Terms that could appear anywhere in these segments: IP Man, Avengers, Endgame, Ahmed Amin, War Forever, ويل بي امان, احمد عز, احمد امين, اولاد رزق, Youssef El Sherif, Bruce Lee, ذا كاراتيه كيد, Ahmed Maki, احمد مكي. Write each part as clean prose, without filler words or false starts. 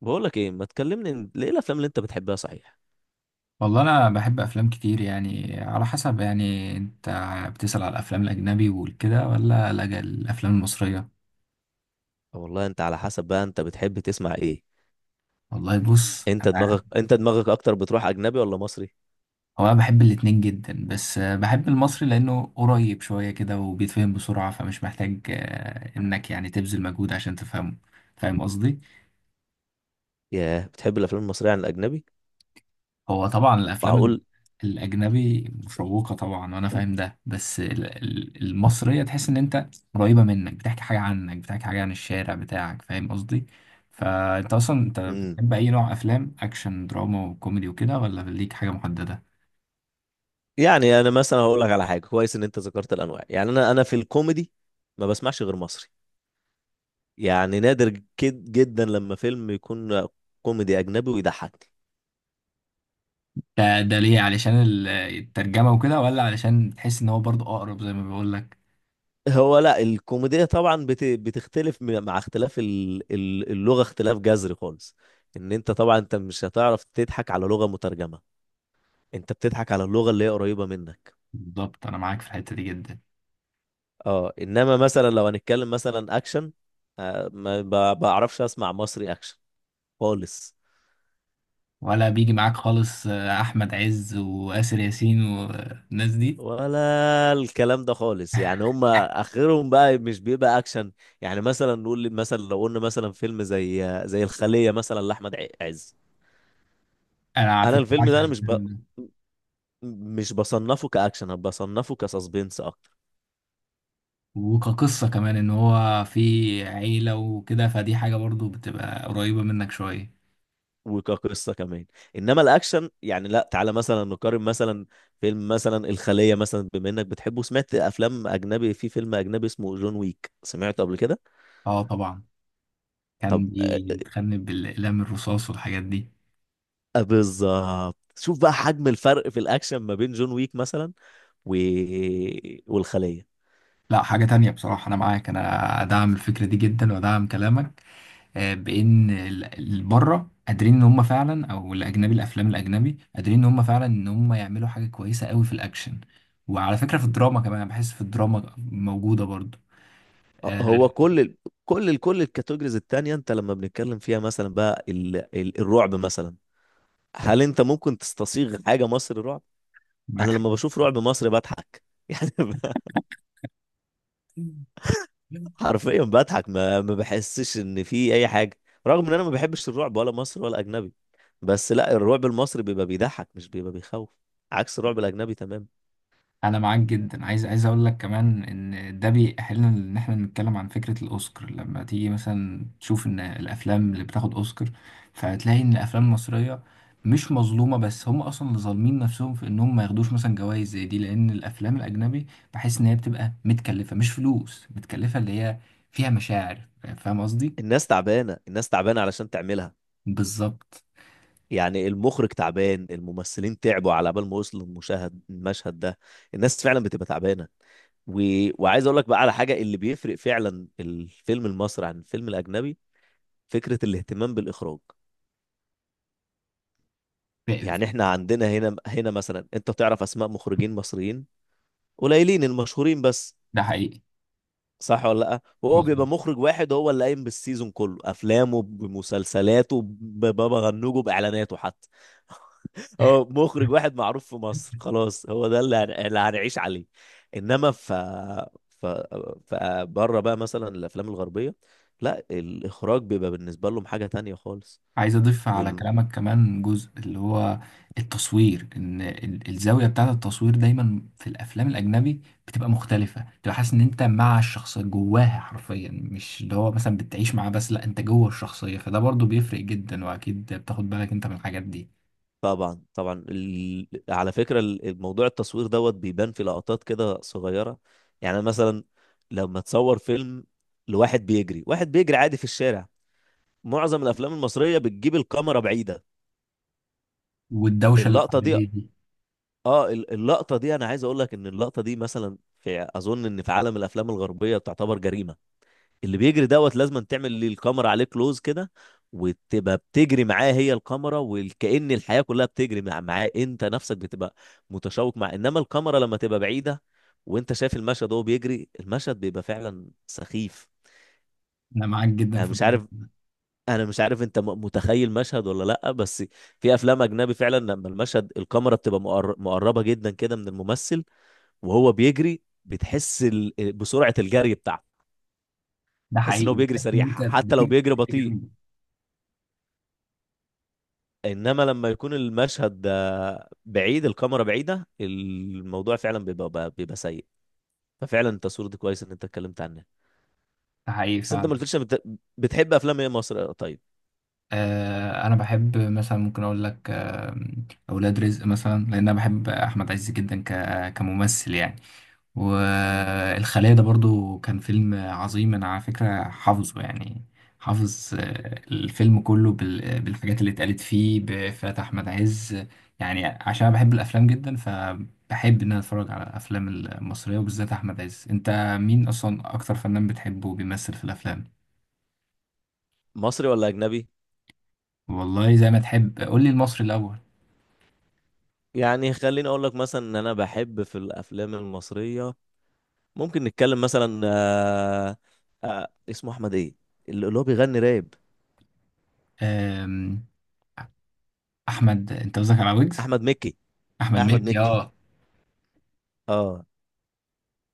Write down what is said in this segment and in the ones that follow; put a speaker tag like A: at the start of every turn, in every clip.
A: بقول لك ايه ما تكلمني ليه الافلام اللي انت بتحبها؟ صحيح.
B: والله انا بحب افلام كتير، يعني على حسب. يعني انت بتسأل على الافلام الاجنبي والكده ولا لا الافلام المصرية؟
A: أه، والله انت على حسب بقى، انت بتحب تسمع ايه؟
B: والله بص،
A: انت دماغك انت دماغك اكتر، بتروح اجنبي ولا مصري؟
B: هو انا بحب الاتنين جدا، بس بحب المصري لانه قريب شوية كده وبيتفهم بسرعة، فمش محتاج انك يعني تبذل مجهود عشان تفهمه. فاهم قصدي؟
A: ياه، بتحب الافلام المصريه عن الاجنبي؟
B: هو طبعا
A: معقول.
B: الاجنبي مشوقه طبعا وانا فاهم ده، بس المصريه تحس ان انت قريبه منك، بتحكي حاجه عنك، بتحكي حاجه عن الشارع بتاعك. فاهم قصدي؟ فانت اصلا
A: امم
B: بتحب اي نوع، افلام اكشن دراما وكوميدي وكده، ولا ليك حاجه محدده؟
A: يعني انا مثلا هقول لك على حاجه كويس ان انت ذكرت الانواع. يعني انا في الكوميدي ما بسمعش غير مصري، يعني نادر جد جدا لما فيلم يكون كوميدي اجنبي ويضحكني.
B: ده ليه، علشان الترجمه وكده، ولا علشان تحس ان هو برضو اقرب زي ما بقول لك؟
A: هو لا، الكوميديا طبعا بتختلف مع اختلاف اللغة، اختلاف جذري خالص. ان انت طبعا انت مش هتعرف تضحك على لغة مترجمة، انت بتضحك على اللغة اللي هي قريبة منك.
B: بالظبط، انا معاك في الحته دي جدا.
A: اه، انما مثلا لو هنتكلم مثلا اكشن، ما بعرفش اسمع مصري اكشن خالص،
B: ولا بيجي معاك خالص احمد عز واسر ياسين والناس دي؟
A: ولا الكلام ده خالص، يعني هم اخرهم بقى مش بيبقى اكشن. يعني مثلا مثلا لو قلنا مثلا فيلم زي الخلية مثلا لاحمد عز.
B: انا على
A: انا
B: فكره
A: الفيلم
B: بعشق
A: ده انا
B: الفيلم ده.
A: مش بصنفه كأكشن، أنا بصنفه كسسبنس أكتر،
B: وكقصة كمان، ان هو في عيلة وكده، فدي حاجة برضو بتبقى قريبة منك شوية.
A: وكقصة كمان. إنما الأكشن، يعني لا، تعالى مثلا نقارن مثلا فيلم مثلا الخلية مثلا، بما إنك بتحبه سمعت أفلام أجنبي. في فيلم أجنبي اسمه جون ويك، سمعته قبل كده؟
B: اه طبعا، كان
A: آه،
B: بيتخنب بالاقلام الرصاص والحاجات دي.
A: آه، بالظبط. شوف بقى حجم الفرق في الأكشن ما بين جون ويك مثلا و... والخلية.
B: لا حاجة تانية بصراحة، انا معاك، انا ادعم الفكرة دي جدا وادعم كلامك. بان بره قادرين ان هم فعلا، او الافلام الاجنبي قادرين ان هم فعلا ان هم يعملوا حاجة كويسة قوي في الاكشن. وعلى فكرة في الدراما كمان، أنا بحس في الدراما موجودة برضو.
A: آه،
B: آه،
A: هو كل كل الكاتيجوريز التانية أنت لما بنتكلم فيها مثلا، بقى الرعب مثلا، هل أنت ممكن تستصيغ حاجة مصري رعب؟ انا
B: معاك
A: لما بشوف رعب مصري بضحك. يعني
B: حق.
A: حرفيا بضحك، ما بحسش ان في اي حاجه. رغم ان انا ما بحبش الرعب ولا مصري ولا اجنبي، بس لا، الرعب المصري بيبقى بيضحك مش بيبقى بيخوف، عكس الرعب الاجنبي تمام.
B: انا معاك جدا. عايز اقول لك كمان ان ده بيأهلنا ان احنا نتكلم عن فكرة الاوسكار. لما تيجي مثلا تشوف ان الافلام اللي بتاخد اوسكار، فهتلاقي ان الافلام المصرية مش مظلومة، بس هم اصلا اللي ظالمين نفسهم في انهم ما ياخدوش مثلا جوائز زي دي، لان الافلام الاجنبي بحس ان هي بتبقى متكلفة، مش فلوس متكلفة، اللي هي فيها مشاعر. فاهم قصدي؟
A: الناس تعبانه، الناس تعبانه علشان تعملها.
B: بالظبط.
A: يعني المخرج تعبان، الممثلين تعبوا على بال ما وصلوا المشهد ده، الناس فعلا بتبقى تعبانه. و... وعايز اقول لك بقى على حاجه اللي بيفرق فعلا الفيلم المصري عن الفيلم الاجنبي: فكره الاهتمام بالاخراج.
B: ف-
A: يعني
B: ف-
A: احنا عندنا هنا مثلا، انت بتعرف اسماء مخرجين مصريين قليلين المشهورين بس،
B: ده حقيقي.
A: صح ولا لا؟ وهو بيبقى
B: مظبوط.
A: مخرج واحد هو اللي قايم بالسيزون كله، افلامه بمسلسلاته ببابا غنوجه باعلاناته حتى. هو مخرج واحد معروف في مصر خلاص، هو ده اللي اللي هنعيش عليه. انما ف ف ف بره بقى مثلا الافلام الغربيه، لا، الاخراج بيبقى بالنسبه لهم حاجه تانية خالص.
B: عايز اضيف على كلامك كمان جزء، اللي هو التصوير. ان الزاويه بتاعه التصوير دايما في الافلام الاجنبي بتبقى مختلفه، بتبقى حاسس ان انت مع الشخصيه جواها حرفيا، مش اللي هو مثلا بتعيش معاه، بس لا انت جوه الشخصيه، فده برضو بيفرق جدا، واكيد بتاخد بالك انت من الحاجات دي.
A: طبعا طبعا، على فكرة الموضوع التصوير دوت بيبان في لقطات كده صغيرة. يعني مثلا لما تصور فيلم لواحد بيجري، واحد بيجري عادي في الشارع، معظم الافلام المصرية بتجيب الكاميرا بعيدة.
B: والدوشه اللي
A: اللقطة دي،
B: حواليه دي.
A: اه، اللقطة دي، انا عايز اقول لك ان اللقطة دي مثلا، في اظن ان في عالم الافلام الغربية تعتبر جريمة. اللي بيجري دوت لازم تعمل لي الكاميرا عليه كلوز كده، وتبقى بتجري معاه هي الكاميرا، وكأن الحياة كلها بتجري معاه، انت نفسك بتبقى متشوق مع. انما الكاميرا لما تبقى بعيدة وانت شايف المشهد وهو بيجري، المشهد بيبقى فعلا سخيف.
B: انا معاك جدا
A: انا
B: في
A: مش
B: الموضوع.
A: عارف انا مش عارف انت متخيل مشهد ولا لا، بس في افلام اجنبي فعلا لما المشهد الكاميرا بتبقى مقربة جدا كده من الممثل وهو بيجري، بتحس بسرعة الجري بتاعته.
B: ده
A: تحس ان هو
B: حقيقي،
A: بيجري
B: بتحس ان
A: سريع
B: انت
A: حتى لو
B: بتجري
A: بيجري
B: بتجري
A: بطيء.
B: جنبه.
A: انما لما يكون المشهد ده بعيد الكاميرا بعيده، الموضوع فعلا بيبقى بيبقى سيء. ففعلا التصوير ده كويس ان انت اتكلمت عنه.
B: ده حقيقي
A: بس انت
B: فعلا.
A: ما قلتليش بتحب افلام ايه مصر؟ طيب.
B: انا بحب مثلا، ممكن اقول لك اولاد رزق مثلا، لان انا بحب احمد عز جدا كممثل يعني.
A: مم.
B: والخلية ده برضو كان فيلم عظيم، انا على فكرة حافظه يعني. حافظ
A: مم.
B: الفيلم كله بالحاجات اللي اتقالت فيه بإفيهات احمد عز. يعني عشان أنا بحب الافلام جدا، فبحب ان انا اتفرج على الافلام المصرية، وبالذات احمد عز. انت مين اصلا اكتر فنان بتحبه بيمثل في الافلام؟
A: مصري ولا اجنبي؟
B: والله زي ما تحب، قول لي المصري الاول.
A: يعني خليني اقول لك مثلا ان انا بحب في الافلام المصريه، ممكن نتكلم مثلا. اسمه احمد ايه، اللي هو بيغني راب.
B: آم، احمد، انت قصدك على ويجز؟
A: احمد مكي.
B: احمد
A: احمد
B: مكي،
A: مكي،
B: اه.
A: اه.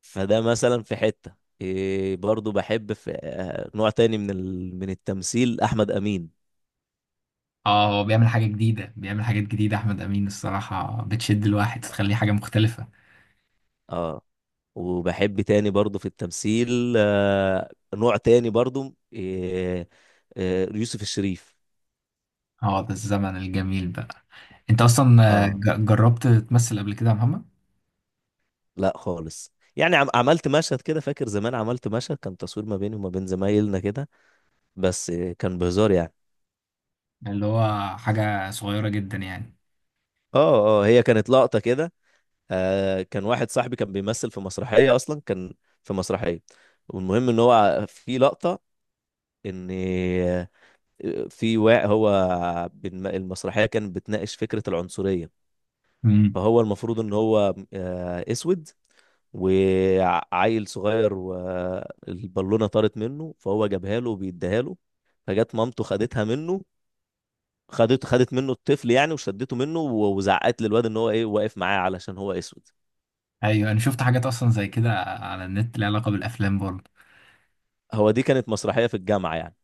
A: فده مثلا في حتة. إيه، برضو بحب في نوع تاني من من التمثيل، أحمد أمين.
B: اه، هو بيعمل حاجه جديده، بيعمل حاجات جديده. احمد امين الصراحه بتشد الواحد، تخليه حاجه مختلفه.
A: اه، وبحب تاني برضو في التمثيل نوع تاني برضو، إيه، يوسف الشريف.
B: اه، ده الزمن الجميل بقى. انت اصلا،
A: اه.
B: جربت تمثل قبل كده يا محمد؟
A: لا خالص، يعني عملت مشهد كده، فاكر زمان عملت مشهد كان تصوير ما بيني وما بين زمايلنا كده، بس كان بهزار يعني.
B: اللي هو حاجه صغيره جدا يعني.
A: اه اه، هي كانت لقطة كده. كان واحد صاحبي كان بيمثل في مسرحية، أصلا كان في مسرحية. والمهم ان هو في لقطة ان في واقع هو المسرحيه كانت بتناقش فكره العنصريه.
B: امم.
A: فهو المفروض ان هو اسود، وعيل صغير والبالونه طارت منه فهو جابها له وبيديها له، فجت مامته خدتها منه، خدت منه الطفل يعني وشدته منه وزعقت للواد ان هو ايه واقف معاه علشان هو اسود.
B: ايوه، انا شفت حاجات اصلا زي كده على النت ليها علاقه بالافلام برضه.
A: هو دي كانت مسرحيه في الجامعه يعني،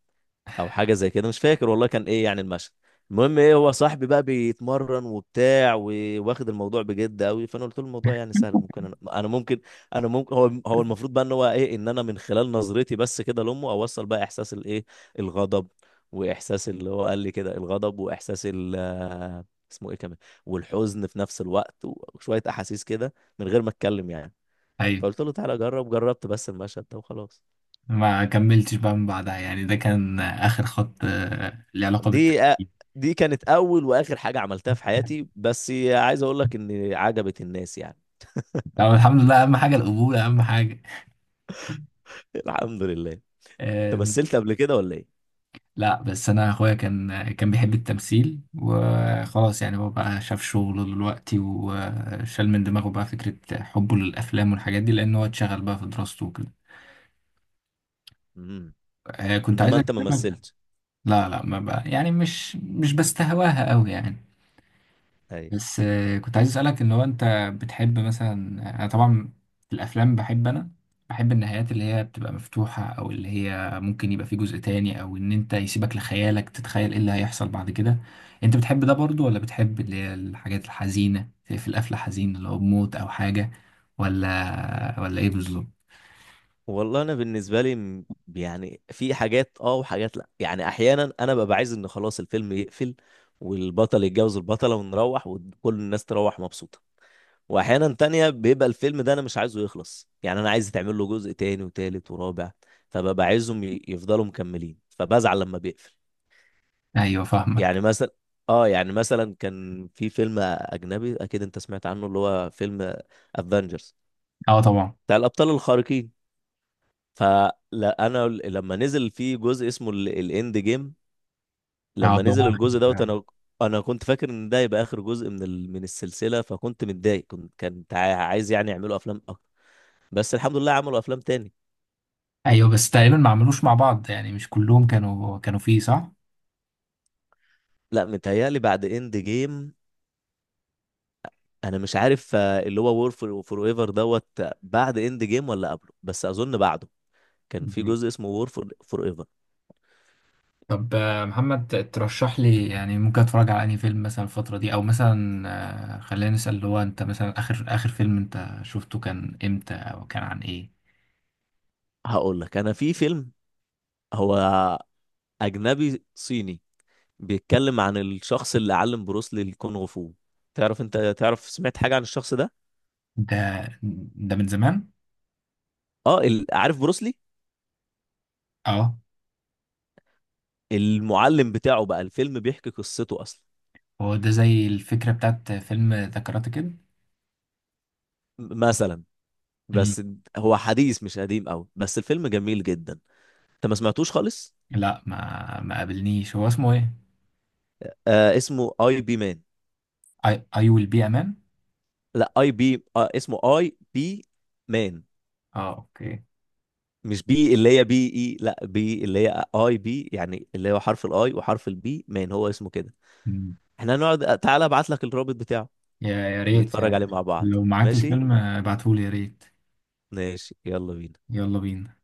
A: او حاجه زي كده مش فاكر والله كان ايه يعني المشهد. المهم، ايه، هو صاحبي بقى بيتمرن وبتاع وواخد الموضوع بجد قوي، فانا قلت له الموضوع يعني سهل، ممكن أنا ممكن انا ممكن، هو المفروض بقى ان هو ايه، ان انا من خلال نظرتي بس كده لامه اوصل بقى احساس الايه، الغضب، واحساس اللي هو قال لي كده الغضب، واحساس ال اسمه ايه كمان، والحزن في نفس الوقت، وشويه احاسيس كده من غير ما اتكلم يعني.
B: ايوه،
A: فقلت له تعالى جرب، جربت بس المشهد ده وخلاص.
B: ما كملتش بقى من بعدها يعني؟ ده كان اخر خط ليه علاقه
A: دي
B: بالتمثيل؟
A: دي كانت اول واخر حاجه عملتها في حياتي، بس عايز اقول لك ان عجبت الناس يعني.
B: طب الحمد لله، اهم حاجه القبول، اهم حاجه.
A: الحمد لله. انت مثلت قبل كده ولا ايه؟
B: لا، بس انا اخويا كان بيحب التمثيل وخلاص يعني، هو بقى شاف شغله دلوقتي، وشال من دماغه بقى فكرة حبه للافلام والحاجات دي، لان هو اتشغل بقى في دراسته وكده.
A: امم
B: كنت عايز
A: انما انت ما
B: اكلمك.
A: مثلتش؟
B: لا لا، ما بقى يعني، مش بستهواها قوي يعني.
A: اي،
B: بس كنت عايز اسالك ان هو انت بتحب مثلا، انا طبعا في الافلام بحب انا، بحب النهايات اللي هي بتبقى مفتوحه، او اللي هي ممكن يبقى في جزء تاني، او ان انت يسيبك لخيالك تتخيل ايه اللي هيحصل بعد كده. انت بتحب ده برضو، ولا بتحب اللي هي الحاجات الحزينه في القفله، حزين اللي هو بموت او حاجه، ولا ايه بالظبط؟
A: والله انا بالنسبه لي يعني في حاجات اه وحاجات لا. يعني احيانا انا ببقى عايز ان خلاص الفيلم يقفل والبطل يتجوز البطله ونروح وكل الناس تروح مبسوطه، واحيانا تانية بيبقى الفيلم ده انا مش عايزه يخلص، يعني انا عايز تعمل له جزء تاني وتالت ورابع، فببقى عايزهم يفضلوا مكملين، فبزعل لما بيقفل.
B: ايوه، فاهمك.
A: يعني مثلا، اه، يعني مثلا كان في فيلم اجنبي اكيد انت سمعت عنه اللي هو فيلم افنجرز
B: اه طبعا.
A: بتاع الابطال الخارقين، فلا انا لما نزل في جزء اسمه الاند جيم،
B: اه
A: لما نزل
B: طبعا.
A: الجزء دوت، انا كنت فاكر ان ده يبقى اخر جزء من من السلسله، فكنت متضايق، كنت عايز يعني يعملوا افلام اكتر، بس الحمد لله عملوا افلام تاني.
B: ايوه، بس تقريبا ما عملوش مع بعض يعني، مش كلهم كانوا فيه، صح؟
A: لا متهيألي بعد اند جيم، انا مش عارف اللي هو وور فور فور ايفر دوت بعد اند جيم ولا قبله، بس اظن بعده. كان في جزء اسمه وور فور فور ايفر.
B: طب محمد، ترشح لي يعني ممكن اتفرج على انهي فيلم مثلا الفترة دي، او مثلا، خلينا نسأل اللي هو، انت مثلا اخر فيلم انت شفته كان امتى او كان عن ايه؟
A: هقول لك انا في فيلم، هو اجنبي صيني، بيتكلم عن الشخص اللي علم بروسلي الكونغ فو. انت تعرف سمعت حاجة عن الشخص ده؟
B: ده ده من زمان.
A: اه، عارف بروسلي؟
B: اه.
A: المعلم بتاعه بقى، الفيلم بيحكي قصته اصلا.
B: هو ده زي الفكرة بتاعت فيلم ذا كاراتيه كيد.
A: مثلا،
B: مم.
A: بس. هو حديث مش قديم قوي بس الفيلم جميل جدا. انت ما سمعتوش خالص؟
B: لا، ما ما قابلنيش، هو اسمه ايه؟
A: اسمه اي بي مان.
B: اي، اي ويل بي امان؟
A: لا اي بي، اسمه اي بي مان.
B: اه، اوكي.
A: مش بي اللي هي بي اي، لا بي اللي هي اي بي، يعني اللي هو حرف الاي وحرف البي مان، هو اسمه كده.
B: مم.
A: احنا هنقعد، تعالى ابعت لك الرابط بتاعه
B: يا يا ريت
A: ونتفرج عليه
B: يعني.
A: مع بعض،
B: لو معاك
A: ماشي؟
B: الفيلم ابعتهولي يا ريت.
A: ماشي، يلا بينا.
B: يلا بينا.